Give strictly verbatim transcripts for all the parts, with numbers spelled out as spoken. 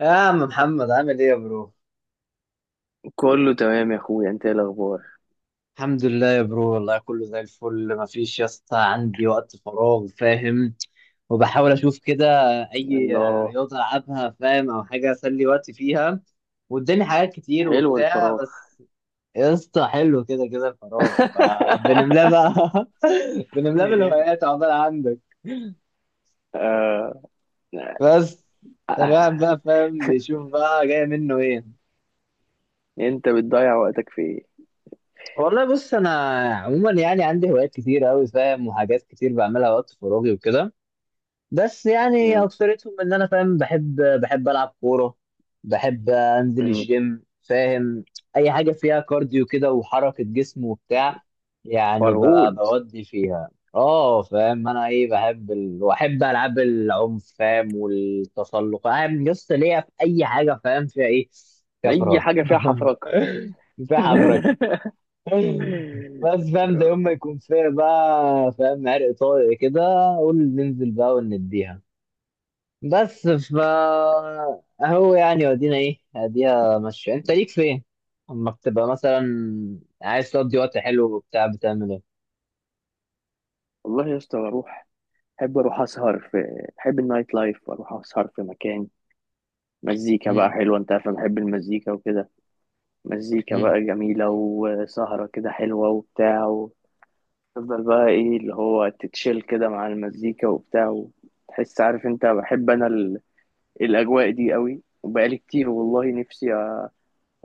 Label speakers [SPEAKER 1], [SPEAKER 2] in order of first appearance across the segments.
[SPEAKER 1] يا عم محمد، عامل ايه يا برو؟
[SPEAKER 2] كله تمام يا اخويا، انت ايه الاخبار؟
[SPEAKER 1] الحمد لله يا برو، والله كله زي الفل. مفيش يا اسطى، عندي وقت فراغ فاهم، وبحاول اشوف كده اي
[SPEAKER 2] الله.
[SPEAKER 1] رياضه العبها فاهم، او حاجه اسلي وقتي فيها. وقدامي حاجات كتير
[SPEAKER 2] حلو
[SPEAKER 1] وبتاع.
[SPEAKER 2] الفراغ.
[SPEAKER 1] بس يا اسطى، حلو كده كده الفراغ، فبنملاه بقى. بنملاه بالهوايات، عقبال عندك.
[SPEAKER 2] آه.
[SPEAKER 1] بس الواحد بقى فاهم بيشوف بقى جاي منه ايه.
[SPEAKER 2] انت بتضيع وقتك في ايه؟
[SPEAKER 1] والله بص، انا عموما يعني عندي هوايات كتير قوي فاهم، وحاجات كتير بعملها وقت فراغي وكده. بس يعني
[SPEAKER 2] مم.
[SPEAKER 1] اكثرتهم ان انا فاهم بحب بحب العب كوره، بحب انزل
[SPEAKER 2] مم.
[SPEAKER 1] الجيم فاهم. اي حاجه فيها كارديو كده وحركه جسم وبتاع. يعني ب-
[SPEAKER 2] فرهود.
[SPEAKER 1] بودي فيها. اه فاهم انا ايه بحب ال... واحب العاب العنف فاهم، والتسلق. انا لسه ليا في اي حاجه فاهم فيها ايه؟ فيها
[SPEAKER 2] اي
[SPEAKER 1] فرهدة.
[SPEAKER 2] حاجه فيها حفرقه.
[SPEAKER 1] في حفرك. بس فاهم، ده يوم ما يكون فيها بقى فاهم عرق طارق كده، قول ننزل بقى ونديها. بس فا اهو يعني ودينا ايه اديها ماشية، انت ليك فين. اما بتبقى مثلا عايز تقضي وقت حلو وبتاع، بتعمل ايه؟
[SPEAKER 2] والله يا اسطى بروح. احب اروح اسهر في احب النايت لايف، اروح اسهر في مكان، مزيكا بقى
[SPEAKER 1] امم.
[SPEAKER 2] حلوه. انت عارف انا بحب المزيكا وكده. مزيكا
[SPEAKER 1] امم.
[SPEAKER 2] بقى جميله وسهره كده حلوه وبتاع. تفضل بقى ايه اللي هو تتشيل كده مع المزيكا وبتاع، وتحس، عارف انت، بحب انا ال- الاجواء دي قوي، وبقالي كتير والله نفسي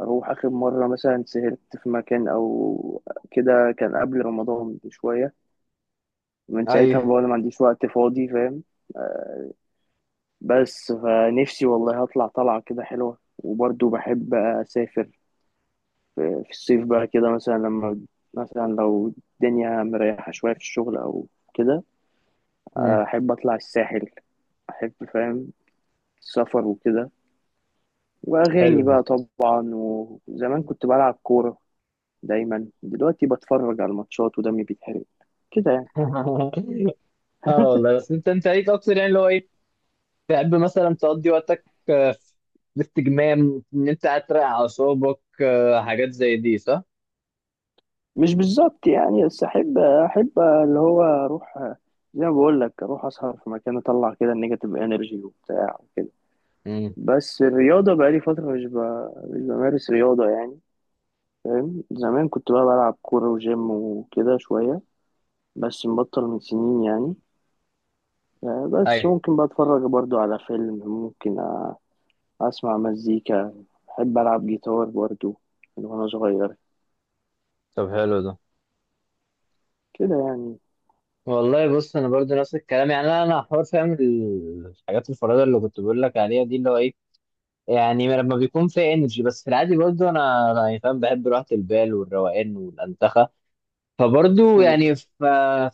[SPEAKER 2] اروح. اخر مرة مثلا سهرت في مكان او كده كان قبل رمضان بشوية. من
[SPEAKER 1] ايوه.
[SPEAKER 2] ساعتها بقى أنا ما عنديش وقت فاضي، فاهم. بس فنفسي والله هطلع طلعة كده حلوة، وبرضه بحب أسافر في في الصيف بقى كده، مثلا لما مثلا لو الدنيا مريحة شوية في الشغل أو كده.
[SPEAKER 1] امم.
[SPEAKER 2] أحب أطلع الساحل، احب فاهم السفر وكده.
[SPEAKER 1] حلو
[SPEAKER 2] واغاني
[SPEAKER 1] ده.
[SPEAKER 2] بقى طبعا، وزمان كنت بلعب كوره. دايما دلوقتي بتفرج على الماتشات ودمي بيتحرق كده يعني.
[SPEAKER 1] اه والله، بس انت انت ليك اكتر يعني اللي هو ايه، تحب مثلا تقضي وقتك آه، في استجمام، ان انت قاعد تراقع اعصابك آه، حاجات زي دي، صح؟
[SPEAKER 2] مش بالظبط يعني، بس احب احب اللي هو اروح، زي ما بقول لك اروح اسهر في مكان، اطلع كده النيجاتيف انرجي وبتاع. بس الرياضه بقى لي فتره، مش ب... مش بمارس رياضه يعني. فاهم زمان كنت بقى بلعب كوره وجيم وكده شويه، بس مبطل من سنين يعني. آه، بس
[SPEAKER 1] ايوه.
[SPEAKER 2] ممكن بقى اتفرج برضو على فيلم. ممكن آه، اسمع مزيكا. بحب العب جيتار برضو من وانا صغير
[SPEAKER 1] طب حلو ده.
[SPEAKER 2] كده يعني.
[SPEAKER 1] والله بص، انا برضو نفس الكلام يعني انا انا حوار فاهم ال- الحاجات الفريده اللي كنت بقول لك عليها دي اللي هو ايه، يعني لما بيكون في انرجي. بس في العادي برضو انا أنا يعني فاهم بحب راحه البال والروقان والانتخه، فبرضو
[SPEAKER 2] مم.
[SPEAKER 1] يعني ف-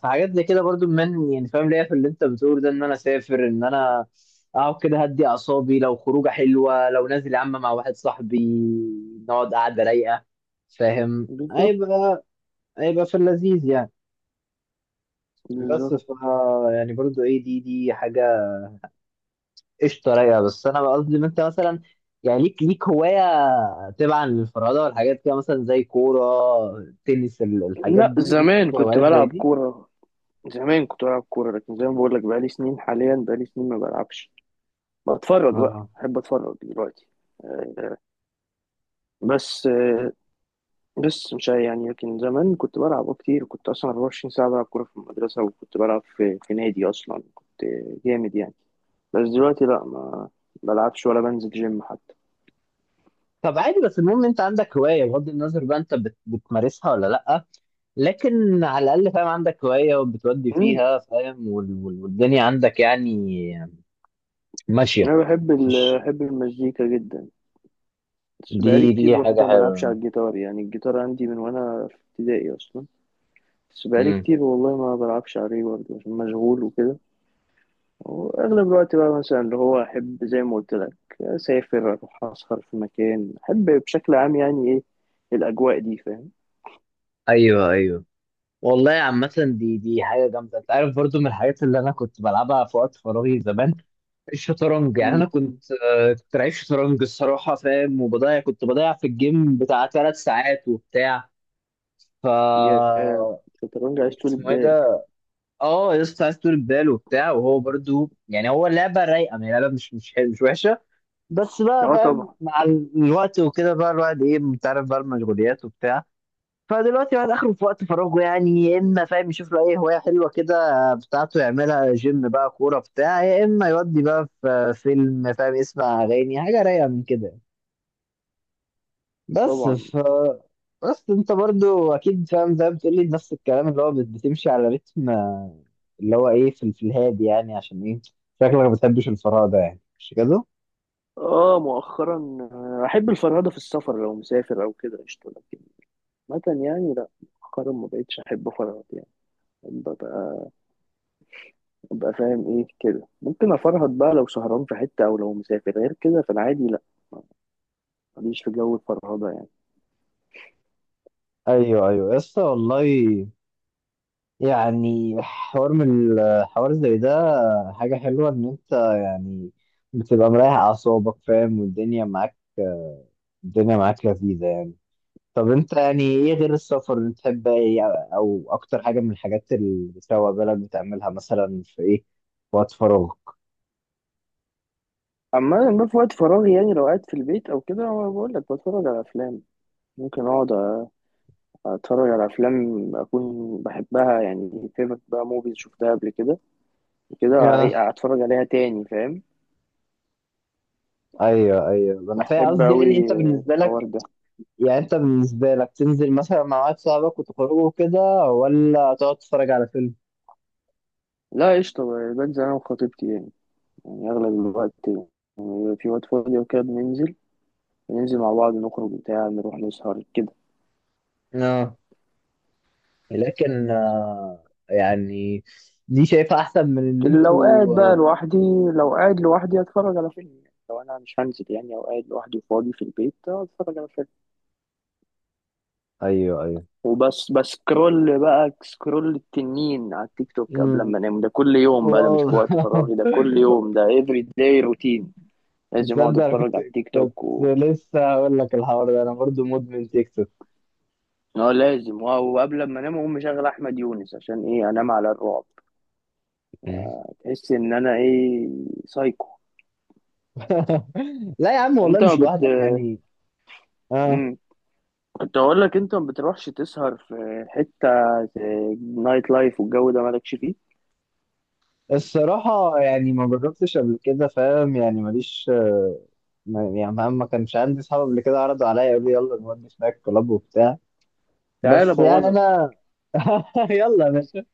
[SPEAKER 1] في حاجات زي كده برضو. من يعني فاهم ليا في اللي انت بتقول ده، ان انا اسافر، ان انا اقعد كده هدي اعصابي، لو خروجه حلوه، لو نازل يا عم مع واحد صاحبي نقعد قعده رايقه فاهم،
[SPEAKER 2] بالظبط.
[SPEAKER 1] هيبقى هيبقى في اللذيذ يعني. بس
[SPEAKER 2] بالظبط.
[SPEAKER 1] ف يعني برضو ايه، دي دي حاجه قشطه رايقه. بس انا بقى قصدي ان انت مثلا يعني ليك ليك هوايه، تبعا للفرهده والحاجات كده، مثلا زي كوره، تنس، ال- الحاجات
[SPEAKER 2] لا
[SPEAKER 1] دي، ليك
[SPEAKER 2] زمان كنت
[SPEAKER 1] هوايات زي
[SPEAKER 2] بلعب
[SPEAKER 1] دي؟
[SPEAKER 2] كورة، زمان كنت بلعب كورة لكن زي ما بقول لك بقالي سنين، حاليا بقالي سنين ما بلعبش. بتفرج بقى،
[SPEAKER 1] اه.
[SPEAKER 2] بحب اتفرج دلوقتي. آه، بس آه، بس مش عارف يعني. لكن زمان كنت بلعب آه، كتير. كنت اصلا 24 ساعة بلعب كورة في المدرسة، وكنت بلعب في, في نادي اصلا. كنت جامد يعني. بس دلوقتي لا، ما بلعبش ولا بنزل جيم حتى.
[SPEAKER 1] طب عادي، بس المهم انت عندك هوايه بغض النظر بقى انت بت بتمارسها ولا لا. لكن على الاقل فاهم عندك هوايه وبتودي
[SPEAKER 2] مم.
[SPEAKER 1] فيها فاهم، وال- وال- والدنيا عندك يعني ماشيه.
[SPEAKER 2] انا بحب ال...
[SPEAKER 1] مش
[SPEAKER 2] بحب المزيكا جدا. بس
[SPEAKER 1] دي
[SPEAKER 2] بقالي كتير
[SPEAKER 1] دي حاجه
[SPEAKER 2] برضه ما بلعبش على
[SPEAKER 1] حلوه؟
[SPEAKER 2] الجيتار، يعني الجيتار عندي من وانا في ابتدائي اصلا. بس بقالي
[SPEAKER 1] امم.
[SPEAKER 2] كتير والله ما بلعبش عليه برضه، عشان مشغول وكده. واغلب الوقت بقى مثلا اللي هو احب، زي ما قلت لك، اسافر، اروح اسهر في مكان. احب بشكل عام يعني ايه الاجواء دي، فاهم.
[SPEAKER 1] ايوه ايوه. والله عامة، دي دي حاجة جامدة. أنت عارف برضو من الحاجات اللي أنا كنت بلعبها في وقت فراغي زمان، الشطرنج. يعني
[SPEAKER 2] امم.
[SPEAKER 1] أنا كنت آه، كنت لعيب شطرنج الصراحة فاهم، وبضيع كنت بضيع في الجيم بتاع ثلاث ساعات وبتاع. ف
[SPEAKER 2] يا الشطرنج عايز طول
[SPEAKER 1] اسمه إيه
[SPEAKER 2] بال.
[SPEAKER 1] ده؟ أه يا اسطى، عايز طول بال وبتاع، وهو برضو يعني هو لعبة رايقة، يعني لعبة مش مش حلوة، مش وحشة. بس بقى
[SPEAKER 2] اه
[SPEAKER 1] فاهم
[SPEAKER 2] طبعا.
[SPEAKER 1] مع الوقت وكده بقى الواحد إيه، أنت عارف بقى، المشغوليات وبتاع. فدلوقتي الواحد اخره في وقت فراغه يعني يا اما فاهم يشوف له اي هوايه حلوه كده بتاعته يعملها، جيم بقى كوره بتاع، يا اما يودي بقى في فيلم فاهم، يسمع اغاني، حاجه رايقه من كده. بس
[SPEAKER 2] طبعا
[SPEAKER 1] ف بس انت برضو اكيد فاهم زي ما بتقول لي نفس الكلام، اللي هو بت- بتمشي على رتم آه، اللي هو ايه، في في الهادي يعني، عشان ايه شكلك ما بتحبش الفراغ ده، يعني مش كده؟
[SPEAKER 2] اه. مؤخرا آه، احب الفرهده في السفر، لو مسافر او كده قشطه. لكن مثلا يعني لا، مؤخرا ما بقتش احب افرهد يعني. ببقى ببقى فاهم ايه كده. ممكن افرهد بقى لو سهران في حته او لو مسافر، غير كده في العادي لا، ماليش في جو الفرهده يعني.
[SPEAKER 1] ايوه ايوه يا اسطى والله. يعني حوار من الحوار زي ده حاجة حلوة، إن أنت يعني بتبقى مريح أعصابك فاهم والدنيا معاك، الدنيا معاك لذيذة يعني. طب أنت يعني إيه غير السفر اللي بتحب إيه؟ أو أكتر حاجة من الحاجات اللي بتروق بالك بتعملها مثلا، في إيه في وقت فراغك؟
[SPEAKER 2] اما انا في وقت فراغي يعني لو قاعد في البيت او كده، أنا بقول لك بتفرج على افلام. ممكن اقعد اتفرج على افلام اكون بحبها يعني، فيفرت بقى موفيز شفتها قبل كده وكده، أعي-
[SPEAKER 1] آه.
[SPEAKER 2] اتفرج عليها تاني، فاهم.
[SPEAKER 1] أيوه أيوه أنا فاهم.
[SPEAKER 2] احب
[SPEAKER 1] قصدي
[SPEAKER 2] اوي
[SPEAKER 1] يعني أنت بالنسبة
[SPEAKER 2] الحوار
[SPEAKER 1] لك،
[SPEAKER 2] ده.
[SPEAKER 1] يعني أنت بالنسبة لك تنزل مثلا مع واحد صاحبك وتخرجوا كده، ولا تقعد تتفرج على فيلم؟
[SPEAKER 2] لا قشطة، ب- بنزل أنا وخطيبتي يعني. يعني أغلب الوقت يعني في وقت فاضي وكده بننزل بننزل مع بعض، نخرج بتاع، نروح نسهر كده.
[SPEAKER 1] آه. لكن آه، يعني دي شايفها احسن من ان
[SPEAKER 2] لو
[SPEAKER 1] انتوا
[SPEAKER 2] قاعد بقى
[SPEAKER 1] آه،
[SPEAKER 2] لوحدي، لو قاعد لوحدي أتفرج على فيلم. يعني لو أنا مش هنزل يعني أو قاعد لوحدي فاضي في البيت أتفرج على فيلم،
[SPEAKER 1] ايوه ايوه.
[SPEAKER 2] وبس. بسكرول بقى، سكرول التنين على التيك توك قبل
[SPEAKER 1] مم،
[SPEAKER 2] ما أنام. ده كل يوم بقى، ده
[SPEAKER 1] واو.
[SPEAKER 2] مش في وقت فراغي، ده كل يوم، ده every day روتين. لازم أقعد
[SPEAKER 1] تصدق انا
[SPEAKER 2] أتفرج
[SPEAKER 1] كنت
[SPEAKER 2] على التيك توك.
[SPEAKER 1] كنت لسه هقول لك الحوار ده، انا برضو مدمن تيك توك.
[SPEAKER 2] اه لازم. اه، وقبل ما انام اقوم مشغل احمد يونس عشان ايه انام على الرعب.
[SPEAKER 1] مم.
[SPEAKER 2] تحس ان انا ايه، سايكو.
[SPEAKER 1] لا يا عم، والله
[SPEAKER 2] انت ما
[SPEAKER 1] مش
[SPEAKER 2] بت.
[SPEAKER 1] لوحدك يعني. اه.
[SPEAKER 2] مم. كنت اقول لك، انت ما بتروحش تسهر في حته؟ نايت لايف والجو ده مالكش فيه؟
[SPEAKER 1] الصراحة يعني ما جربتش قبل كده فاهم، يعني ماليش آه، ما- يعني ما ما كانش عندي صحاب قبل كده عرضوا عليا يقولوا لي يلا نودي سناك كلاب وبتاع.
[SPEAKER 2] تعال
[SPEAKER 1] بس يعني
[SPEAKER 2] ابوظك.
[SPEAKER 1] انا. يلا يا باشا.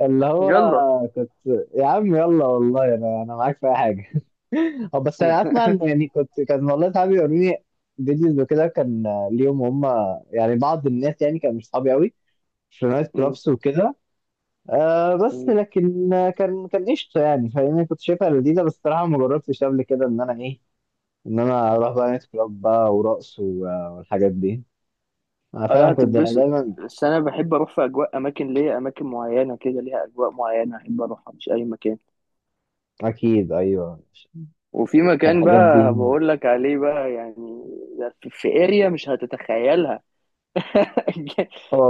[SPEAKER 1] اللي
[SPEAKER 2] يلا.
[SPEAKER 1] هو كنت. يا عم يلا والله، انا انا معاك في اي حاجه. هو بس انا اسمع، ان يعني كنت كان والله صحابي يوروني فيديوز وكده، كان ليهم هم يعني بعض الناس يعني كانوا مش صحابي قوي، في نايت
[SPEAKER 2] مم.
[SPEAKER 1] كلابس وكده. آه بس
[SPEAKER 2] مم.
[SPEAKER 1] لكن آه، كان كان قشطه يعني فاهمني، كنت شايفها لذيذه. بس الصراحه ما جربتش قبل كده ان انا ايه، ان انا اروح بقى نايت كلاب بقى، ورقص و- والحاجات دي. انا
[SPEAKER 2] اه لا،
[SPEAKER 1] فاهم كنت
[SPEAKER 2] هتتبسط.
[SPEAKER 1] دايما.
[SPEAKER 2] بس انا بحب اروح في اجواء، اماكن ليا، اماكن معينه كده ليها اجواء معينه احب اروحها، مش اي مكان.
[SPEAKER 1] اكيد ايوه.
[SPEAKER 2] وفي مكان
[SPEAKER 1] الحاجات
[SPEAKER 2] بقى
[SPEAKER 1] دي.
[SPEAKER 2] بقول لك عليه بقى يعني، ده في اريا مش هتتخيلها.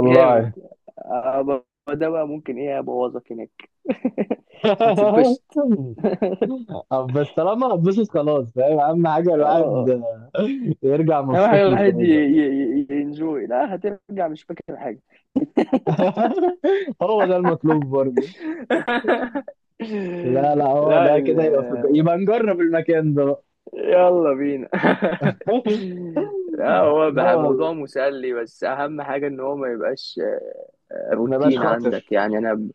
[SPEAKER 2] جامد. أبقى- ده بقى ممكن ايه ابوظك هناك. هتتبسط. اه.
[SPEAKER 1] أب- بس طالما هتبسط خلاص فاهم، اهم حاجه
[SPEAKER 2] آه.
[SPEAKER 1] الواحد يرجع
[SPEAKER 2] اهم حاجه
[SPEAKER 1] مبسوط من
[SPEAKER 2] الواحد
[SPEAKER 1] الخروجه.
[SPEAKER 2] ينجوي. لا هترجع مش فاكر حاجه.
[SPEAKER 1] هو ده المطلوب برضه. لا لا، هو
[SPEAKER 2] لا.
[SPEAKER 1] ده
[SPEAKER 2] ال...
[SPEAKER 1] كده، يبقى في الج- يبقى نجرب المكان ده بقى.
[SPEAKER 2] يلا بينا. لا، هو
[SPEAKER 1] لا
[SPEAKER 2] بقى
[SPEAKER 1] والله،
[SPEAKER 2] موضوع مسلي، بس اهم حاجه ان هو ما يبقاش
[SPEAKER 1] ما بقاش
[SPEAKER 2] روتين عندك
[SPEAKER 1] خاطر.
[SPEAKER 2] يعني. انا ب-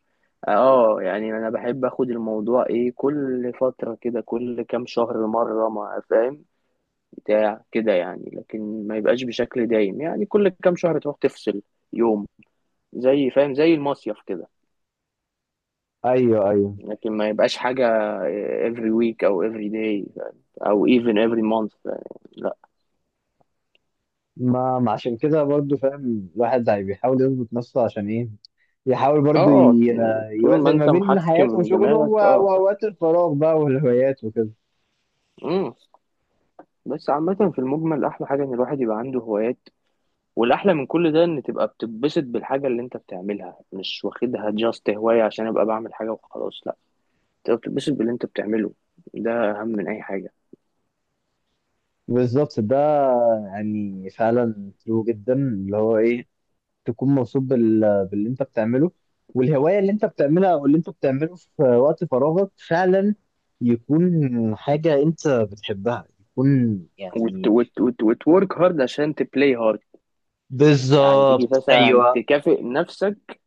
[SPEAKER 2] اه يعني انا بحب اخد الموضوع ايه كل فترة كده، كل كام شهر مرة ما فاهم بتاع كده يعني. لكن ما يبقاش بشكل دايم، يعني كل كام شهر تروح تفصل يوم، زي فاهم زي المصيف كده.
[SPEAKER 1] ايوه ايوه.
[SPEAKER 2] لكن ما يبقاش حاجة آه، every week او every day او even every month، لا.
[SPEAKER 1] ما ما عشان كده برضه فاهم الواحد هي بيحاول يظبط نفسه عشان ايه، يحاول برضه
[SPEAKER 2] اه،
[SPEAKER 1] ي-
[SPEAKER 2] طول ما
[SPEAKER 1] يوازن ما
[SPEAKER 2] انت
[SPEAKER 1] بين حياته
[SPEAKER 2] محكم
[SPEAKER 1] وشغله و-
[SPEAKER 2] دماغك اه.
[SPEAKER 1] واوقات الفراغ بقى والهوايات وكده.
[SPEAKER 2] امم. بس عامة في المجمل أحلى حاجة إن الواحد يبقى عنده هوايات. والاحلى من كل ده ان تبقى بتتبسط بالحاجه اللي انت بتعملها، مش واخدها جاست هوايه عشان ابقى بعمل حاجه وخلاص. لا، تبقى بتتبسط باللي انت بتعمله، ده اهم من اي حاجه.
[SPEAKER 1] بالظبط ده، يعني فعلا ترو جدا اللي هو ايه، تكون مبسوط بال... باللي انت بتعمله، والهوايه اللي انت بتعملها او اللي انت بتعمله في وقت فراغك فعلا يكون حاجه انت بتحبها يكون
[SPEAKER 2] وت
[SPEAKER 1] يعني.
[SPEAKER 2] وت وت وتورك هارد عشان تبلاي هارد. يعني تيجي
[SPEAKER 1] بالظبط
[SPEAKER 2] مثلا
[SPEAKER 1] ايوه.
[SPEAKER 2] تكافئ نفسك،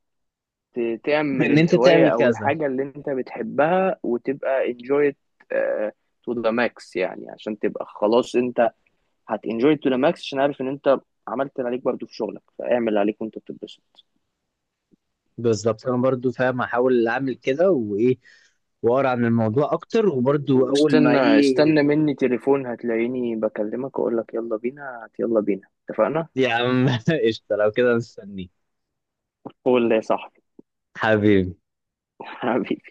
[SPEAKER 2] ت- تعمل
[SPEAKER 1] ان انت
[SPEAKER 2] الهوايه
[SPEAKER 1] تعمل
[SPEAKER 2] او
[SPEAKER 1] كذا.
[SPEAKER 2] الحاجه اللي انت بتحبها وتبقى enjoy it آه، to the max يعني. عشان تبقى خلاص انت هت enjoy it to the max، عشان عارف ان انت عملت اللي عليك برضو في شغلك، فاعمل اللي عليك وانت بتتبسط.
[SPEAKER 1] بالظبط. انا برضو فاهم احاول اعمل كده، وايه واقرا عن الموضوع اكتر، وبرضو اول ما
[SPEAKER 2] واستنى
[SPEAKER 1] ايه.
[SPEAKER 2] استنى مني تليفون، هتلاقيني بكلمك واقول لك يلا بينا، هات يلا بينا، اتفقنا.
[SPEAKER 1] يا عم قشطه، لو كده مستنيك.
[SPEAKER 2] قول لي يا صاحبي.
[SPEAKER 1] حبيبي.
[SPEAKER 2] حبيبي.